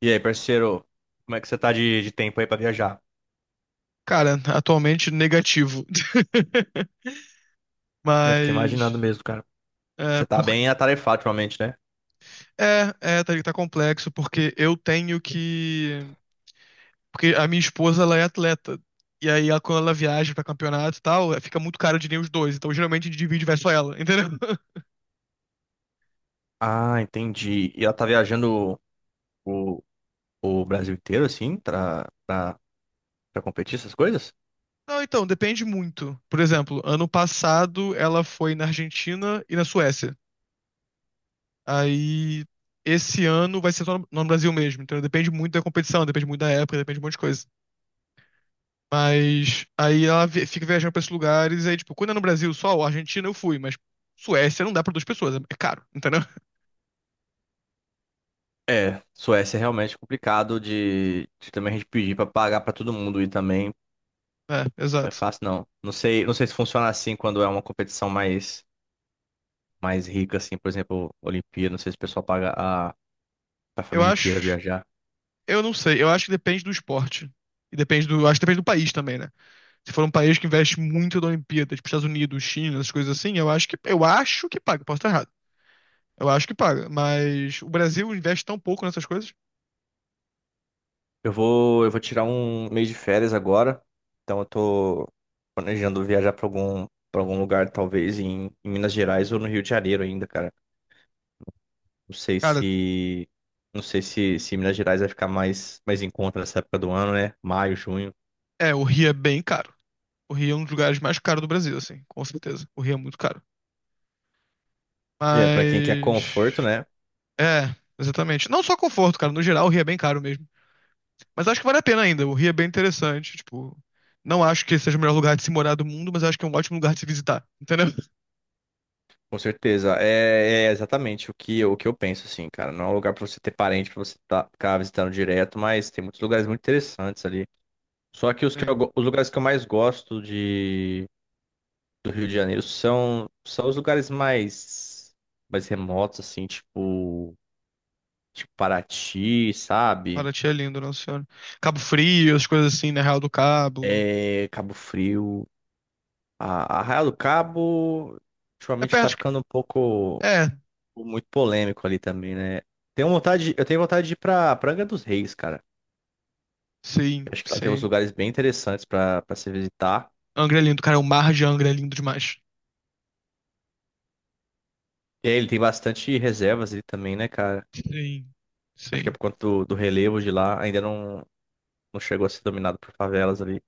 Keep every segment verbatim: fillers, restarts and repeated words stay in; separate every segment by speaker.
Speaker 1: E aí, parceiro, como é que você tá de, de tempo aí pra viajar?
Speaker 2: Cara, atualmente negativo.
Speaker 1: Eu fiquei imaginando
Speaker 2: Mas
Speaker 1: mesmo, cara.
Speaker 2: é,
Speaker 1: Você tá
Speaker 2: por...
Speaker 1: bem atarefado ultimamente, né?
Speaker 2: é, é tá, tá complexo porque eu tenho que porque a minha esposa ela é atleta e aí ela, quando ela viaja pra campeonato e tal, é, fica muito caro de nem os dois, então geralmente a gente divide e vai só ela, entendeu?
Speaker 1: Ah, entendi. E ela tá viajando o, o Brasil inteiro, assim, pra, pra, pra competir essas coisas?
Speaker 2: Não, então depende muito. Por exemplo, ano passado ela foi na Argentina e na Suécia. Aí esse ano vai ser só no, no Brasil mesmo, então depende muito da competição, depende muito da época, depende de um monte de coisa. Mas aí ela vi- fica viajando pra esses lugares, aí, tipo, quando é no Brasil só, ou Argentina eu fui, mas Suécia não dá pra duas pessoas, é caro, entendeu?
Speaker 1: É, Suécia é realmente complicado de, de também a gente pedir pra pagar pra todo mundo e também
Speaker 2: É,
Speaker 1: não é
Speaker 2: exato.
Speaker 1: fácil, não. Não sei, não sei se funciona assim quando é uma competição mais, mais rica, assim, por exemplo, Olimpíada, não sei se o pessoal paga a, a
Speaker 2: Eu
Speaker 1: família inteira
Speaker 2: acho,
Speaker 1: viajar.
Speaker 2: eu não sei, eu acho que depende do esporte. E depende do, acho que depende do país também, né? Se for um país que investe muito na Olimpíada, tipo Estados Unidos, China, essas coisas assim, eu acho que, eu acho que paga, posso estar errado. Eu acho que paga, mas o Brasil investe tão pouco nessas coisas.
Speaker 1: Eu vou, eu vou tirar um mês de férias agora, então eu tô planejando viajar pra algum, para algum lugar, talvez em, em Minas Gerais ou no Rio de Janeiro ainda, cara. Não sei
Speaker 2: Cara,
Speaker 1: se, não sei se, se Minas Gerais vai ficar mais, mais em conta nessa época do ano, né? Maio, junho.
Speaker 2: é, o Rio é bem caro. O Rio é um dos lugares mais caros do Brasil, assim, com certeza. O Rio é muito caro.
Speaker 1: É, pra quem quer conforto,
Speaker 2: Mas.
Speaker 1: né?
Speaker 2: É, exatamente. Não só conforto, cara. No geral, o Rio é bem caro mesmo. Mas acho que vale a pena ainda. O Rio é bem interessante. Tipo, não acho que seja o melhor lugar de se morar do mundo, mas acho que é um ótimo lugar de se visitar. Entendeu?
Speaker 1: Com certeza. É, é exatamente o que, eu- o que eu penso, assim, cara. Não é um lugar pra você ter parente, pra você tá, ficar visitando direto, mas tem muitos lugares muito interessantes ali. Só que os, que eu
Speaker 2: Sim.
Speaker 1: go- os lugares que eu mais gosto do Rio de Janeiro são, são os lugares mais, mais remotos, assim, tipo, tipo Paraty, sabe?
Speaker 2: Paraty é lindo, Nossa Senhora. Cabo Frio, as coisas assim, né? Real do Cabo.
Speaker 1: É, Cabo Frio. A, a Arraial do Cabo,
Speaker 2: É
Speaker 1: ultimamente tá
Speaker 2: perto de...
Speaker 1: ficando um pouco,
Speaker 2: É,
Speaker 1: muito polêmico ali também, né? Tenho vontade, eu tenho vontade de ir pra, pra Angra dos Reis, cara. Eu
Speaker 2: sim,
Speaker 1: acho que lá tem uns
Speaker 2: sim.
Speaker 1: lugares bem interessantes pra, pra se visitar.
Speaker 2: Angra é lindo, cara. O mar de Angra é lindo demais.
Speaker 1: E aí, ele tem bastante reservas ali também, né, cara?
Speaker 2: Sim,
Speaker 1: Acho que é
Speaker 2: sim.
Speaker 1: por conta do, do relevo de lá, ainda não, não chegou a ser dominado por favelas ali.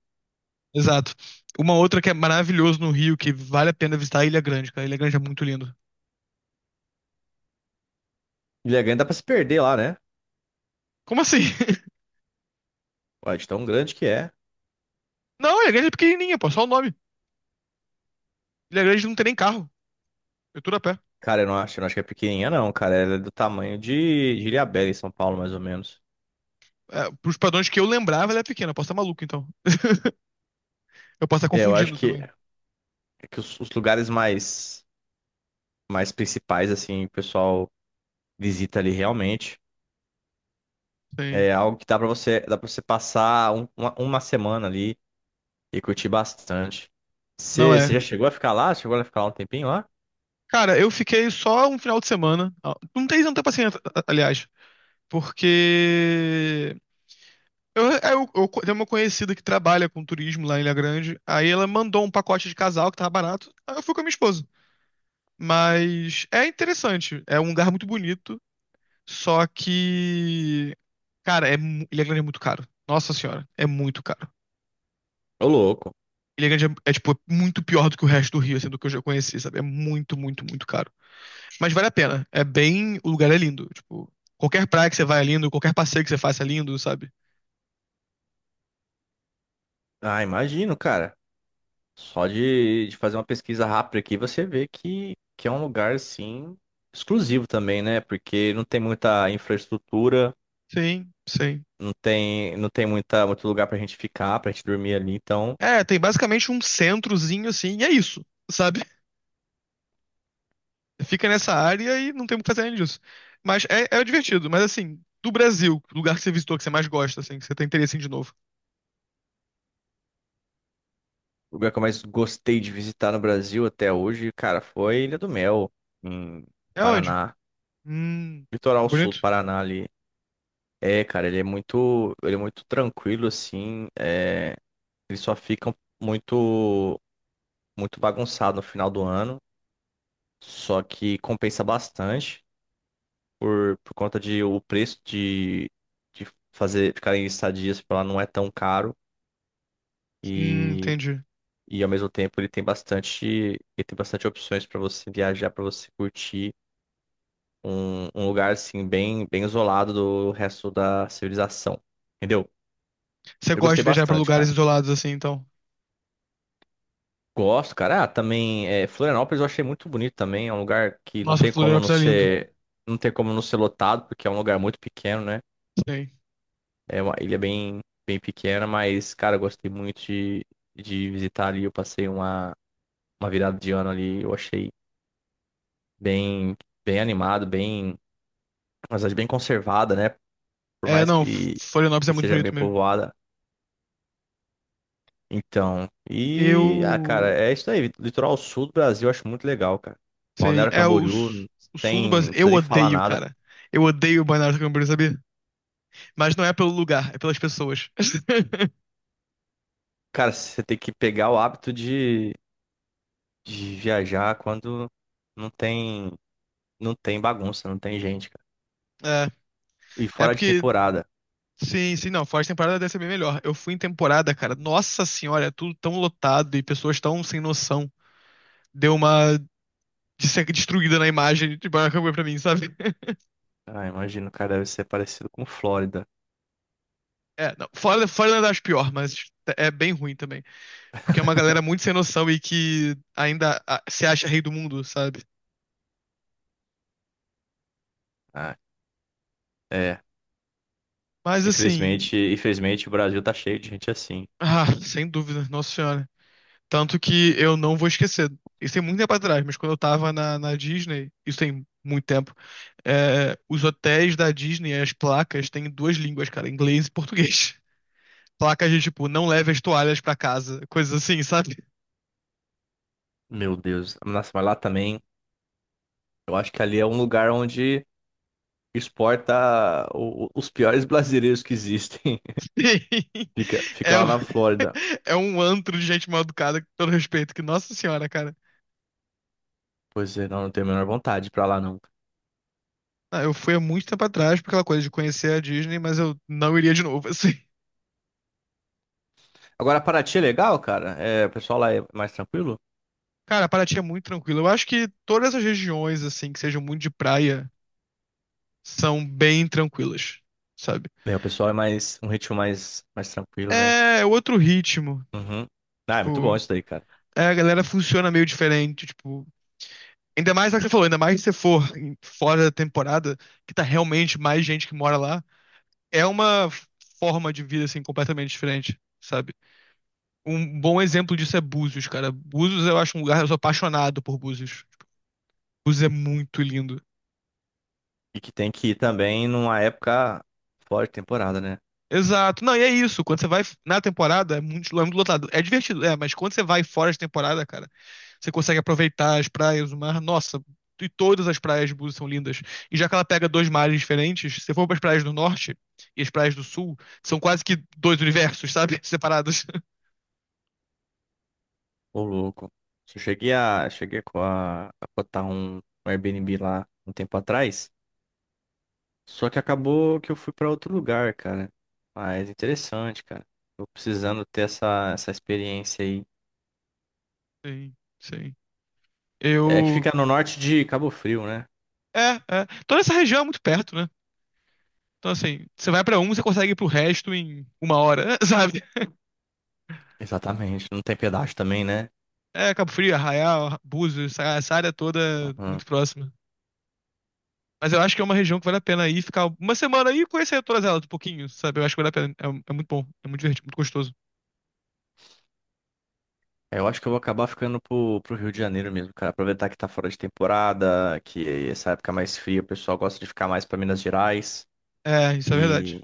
Speaker 2: Exato. Uma outra que é maravilhoso no Rio, que vale a pena visitar, é Ilha Grande, cara. Ilha Grande é muito lindo.
Speaker 1: Ilha Grande dá pra se perder lá, né?
Speaker 2: Como assim?
Speaker 1: Ué, de tão grande que é.
Speaker 2: Não, Ilha Grande é pequenininha, pô. Só o nome. Ilha Grande não tem nem carro. É tudo a pé.
Speaker 1: Cara, eu não acho, eu não acho que é pequenininha, não, cara. Ela é do tamanho de, de Ilhabela, em São Paulo, mais ou menos.
Speaker 2: É, pros padrões que eu lembrava, ela é pequena. Eu posso estar maluco, então. Eu posso estar
Speaker 1: É, eu acho
Speaker 2: confundindo
Speaker 1: que,
Speaker 2: também.
Speaker 1: é que os, os lugares mais, mais principais, assim, o pessoal visita ali realmente.
Speaker 2: Sim.
Speaker 1: É algo que dá pra você, dá pra você passar um- uma, uma semana ali e curtir bastante.
Speaker 2: Não
Speaker 1: Você
Speaker 2: é.
Speaker 1: você já chegou a ficar lá? Chegou a ficar lá um tempinho lá?
Speaker 2: Cara, eu fiquei só um final de semana. Ah, não tem tanta paciência, a- aliás. Porque. Eu, é, eu, eu co- tenho uma conhecida que trabalha com turismo lá em Ilha Grande. Aí ela mandou um pacote de casal que tava barato. Aí eu fui com a minha esposa. Mas é interessante. É um lugar muito bonito. Só que. Cara, é, mu- Ilha Grande é muito caro. Nossa senhora, é muito caro.
Speaker 1: Ô, louco.
Speaker 2: Ilhagante é, é, tipo, muito pior do que o resto do Rio, assim, do que eu já conheci, sabe? É muito, muito, muito caro. Mas vale a pena. É bem. O lugar é lindo. Tipo, qualquer praia que você vai é lindo, qualquer passeio que você faça é lindo, sabe?
Speaker 1: Ah, imagino, cara. Só de, de fazer uma pesquisa rápida aqui, você vê que, que é um lugar, assim, exclusivo também, né? Porque não tem muita infraestrutura,
Speaker 2: Sim, sim.
Speaker 1: não tem, não tem muita, muito lugar pra gente ficar, pra gente dormir ali. Então,
Speaker 2: É, tem basicamente um centrozinho assim, e é isso, sabe? Fica nessa área e não tem o que fazer além disso. Mas é, é divertido, mas assim, do Brasil, o lugar que você visitou que você mais gosta, assim, que você tem interesse em ir de novo.
Speaker 1: o lugar que eu mais gostei de visitar no Brasil até hoje, cara, foi Ilha do Mel, em
Speaker 2: É onde?
Speaker 1: Paraná.
Speaker 2: Hum. É
Speaker 1: Litoral sul do
Speaker 2: bonito?
Speaker 1: Paraná ali. É, cara, ele é muito, ele é muito tranquilo, assim. É, ele só fica muito, muito bagunçado no final do ano. Só que compensa bastante por, por conta de o preço de, de fazer ficar em estadias para lá não é tão caro
Speaker 2: Hum,
Speaker 1: e,
Speaker 2: entendi.
Speaker 1: e ao mesmo tempo ele tem bastante ele tem bastante opções para você viajar, para você curtir um, um lugar assim bem bem isolado do resto da civilização. Entendeu?
Speaker 2: Você
Speaker 1: Eu
Speaker 2: gosta de
Speaker 1: gostei
Speaker 2: viajar pra
Speaker 1: bastante,
Speaker 2: lugares
Speaker 1: cara.
Speaker 2: isolados assim, então.
Speaker 1: Gosto, cara. Ah, também é, Florianópolis eu achei muito bonito também. É um lugar que não
Speaker 2: Nossa,
Speaker 1: tem como não
Speaker 2: Florianópolis é lindo.
Speaker 1: ser não tem como não ser lotado porque é um lugar muito pequeno, né?
Speaker 2: Sei.
Speaker 1: É uma ilha bem, bem pequena, mas, cara, eu gostei muito de, de visitar ali. Eu passei uma, uma virada de ano ali. Eu achei bem, bem animado, bem, mas bem conservada, né? Por
Speaker 2: É,
Speaker 1: mais
Speaker 2: não, F-
Speaker 1: que,
Speaker 2: Florianópolis é
Speaker 1: que
Speaker 2: muito
Speaker 1: seja bem
Speaker 2: bonito mesmo.
Speaker 1: povoada. Então, e, ah, cara,
Speaker 2: Eu
Speaker 1: é isso aí. Litoral sul do Brasil eu acho muito legal, cara.
Speaker 2: sei,
Speaker 1: Balneário
Speaker 2: é o,
Speaker 1: Camboriú,
Speaker 2: s-
Speaker 1: não
Speaker 2: o sul do
Speaker 1: tem,
Speaker 2: Brasil.
Speaker 1: não
Speaker 2: Eu
Speaker 1: precisa nem falar
Speaker 2: odeio,
Speaker 1: nada.
Speaker 2: cara. Eu odeio o Balneário Camboriú, sabia? Mas não é pelo lugar, é pelas pessoas.
Speaker 1: Cara, você tem que pegar o hábito de, de viajar quando não tem, não tem bagunça, não tem gente, cara.
Speaker 2: É,
Speaker 1: E
Speaker 2: é
Speaker 1: fora de
Speaker 2: porque
Speaker 1: temporada.
Speaker 2: sim, sim, não, fora de temporada deve ser bem melhor. Eu fui em temporada, cara. Nossa senhora, é tudo tão lotado e pessoas tão sem noção. Deu uma de ser destruída na imagem de Balneário Camboriú pra mim, sabe?
Speaker 1: Ah, imagino, cara, deve ser parecido com Flórida.
Speaker 2: É, não, fora, fora eu acho pior, mas é bem ruim também. Porque é uma galera muito sem noção e que ainda ah, se acha rei do mundo, sabe?
Speaker 1: Ah, é.
Speaker 2: Mas assim,
Speaker 1: Infelizmente, infelizmente o Brasil tá cheio de gente assim.
Speaker 2: ah, sem dúvida, Nossa Senhora. Tanto que eu não vou esquecer. Isso tem muito tempo atrás, mas quando eu tava na, na, Disney, isso tem muito tempo, é, os hotéis da Disney, as placas, têm duas línguas, cara, inglês e português. Placas de tipo, não leve as toalhas pra casa, coisas assim, sabe?
Speaker 1: Meu Deus. Nossa, mas lá também, eu acho que ali é um lugar onde exporta o- o- os piores brasileiros que existem. Fica, fica
Speaker 2: É,
Speaker 1: lá
Speaker 2: um-
Speaker 1: na Flórida.
Speaker 2: é um antro de gente mal educada, com todo respeito, que, nossa senhora, cara.
Speaker 1: Pois é, não, não tenho a menor vontade de pra lá, não.
Speaker 2: Ah, eu fui há muito tempo atrás por aquela coisa de conhecer a Disney, mas eu não iria de novo, assim.
Speaker 1: Agora, Paraty é legal, cara? É, o pessoal lá é mais tranquilo?
Speaker 2: Cara, Paraty é muito tranquilo. Eu acho que todas as regiões, assim, que sejam muito de praia, são bem tranquilas, sabe?
Speaker 1: É, o pessoal é mais, um ritmo mais, mais tranquilo, né?
Speaker 2: É outro ritmo.
Speaker 1: Uhum. Ah, é muito bom
Speaker 2: Tipo,
Speaker 1: isso daí, cara.
Speaker 2: é, a galera funciona meio diferente. Tipo, ainda mais é o que você falou, ainda mais se você for em- fora da temporada, que tá realmente mais gente que mora lá. É uma forma de vida, assim, completamente diferente, sabe? Um bom exemplo disso é Búzios, cara. Búzios eu acho um lugar, eu sou apaixonado por Búzios. Us é muito lindo.
Speaker 1: E que tem que ir também numa época fora de temporada, né?
Speaker 2: Exato. Não, e é isso. Quando você vai na temporada, é muito, é muito lotado. É divertido, é, mas quando você vai fora de temporada, cara, você consegue aproveitar as praias, o mar. Nossa, e todas as praias de Búzios são lindas. E já que ela pega dois mares diferentes, se você for para as praias do norte e as praias do sul, são quase que dois universos, sabe? Separados.
Speaker 1: Ô, louco. Eu cheguei a, cheguei com a, a botar um, um Airbnb lá um tempo atrás. Só que acabou que eu fui pra outro lugar, cara. Mas interessante, cara. Tô precisando ter essa, essa experiência aí.
Speaker 2: Sim, sim.
Speaker 1: É que
Speaker 2: Eu.
Speaker 1: fica no norte de Cabo Frio, né?
Speaker 2: É, é. Toda essa região é muito perto, né? Então, assim, você vai pra um, você consegue ir pro resto em uma hora, sabe?
Speaker 1: Exatamente. Não tem pedágio também, né?
Speaker 2: É, Cabo Frio, Arraial, Búzios, essa essa área toda
Speaker 1: Aham.
Speaker 2: muito próxima. Mas eu acho que é uma região que vale a pena ir, ficar uma semana aí e conhecer todas elas um pouquinho, sabe? Eu acho que vale a pena. É, é muito bom, é muito divertido, muito gostoso.
Speaker 1: É, eu acho que eu vou acabar ficando pro, pro Rio de Janeiro mesmo, cara. Aproveitar que tá fora de temporada, que essa época é mais fria, o pessoal gosta de ficar mais pra Minas Gerais.
Speaker 2: É, isso é verdade.
Speaker 1: E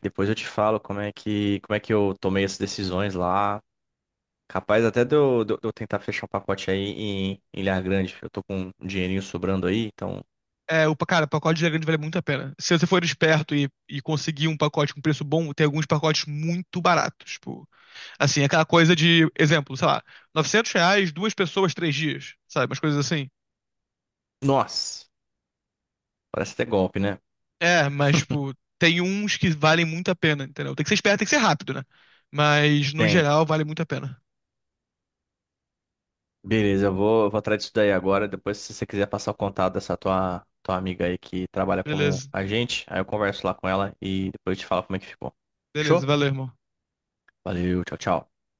Speaker 1: depois eu te falo como é que, como é que eu tomei essas decisões lá. Capaz até de eu, de eu- de eu tentar fechar um pacote aí em, em Ilha Grande. Eu tô com um dinheirinho sobrando aí, então.
Speaker 2: É, o, pa- cara, pacote de grande vale é muito a pena. Se você for esperto e, e conseguir um pacote com preço bom, tem alguns pacotes muito baratos. Tipo, assim, aquela coisa de, exemplo, sei lá, novecentos reais, duas pessoas, três dias, sabe? Umas coisas assim.
Speaker 1: Nossa, parece até golpe, né?
Speaker 2: É, mas, tipo, tem uns que valem muito a pena, entendeu? Tem que ser esperto, tem que ser rápido, né? Mas, no
Speaker 1: Tem.
Speaker 2: geral, vale muito a pena.
Speaker 1: Beleza, eu vou, eu vou atrás disso daí agora. Depois, se você quiser passar o contato dessa tua, tua amiga aí que trabalha como
Speaker 2: Beleza,
Speaker 1: agente, aí eu converso lá com ela e depois eu te falo como é que ficou.
Speaker 2: beleza,
Speaker 1: Fechou?
Speaker 2: valeu, irmão.
Speaker 1: Valeu, tchau, tchau.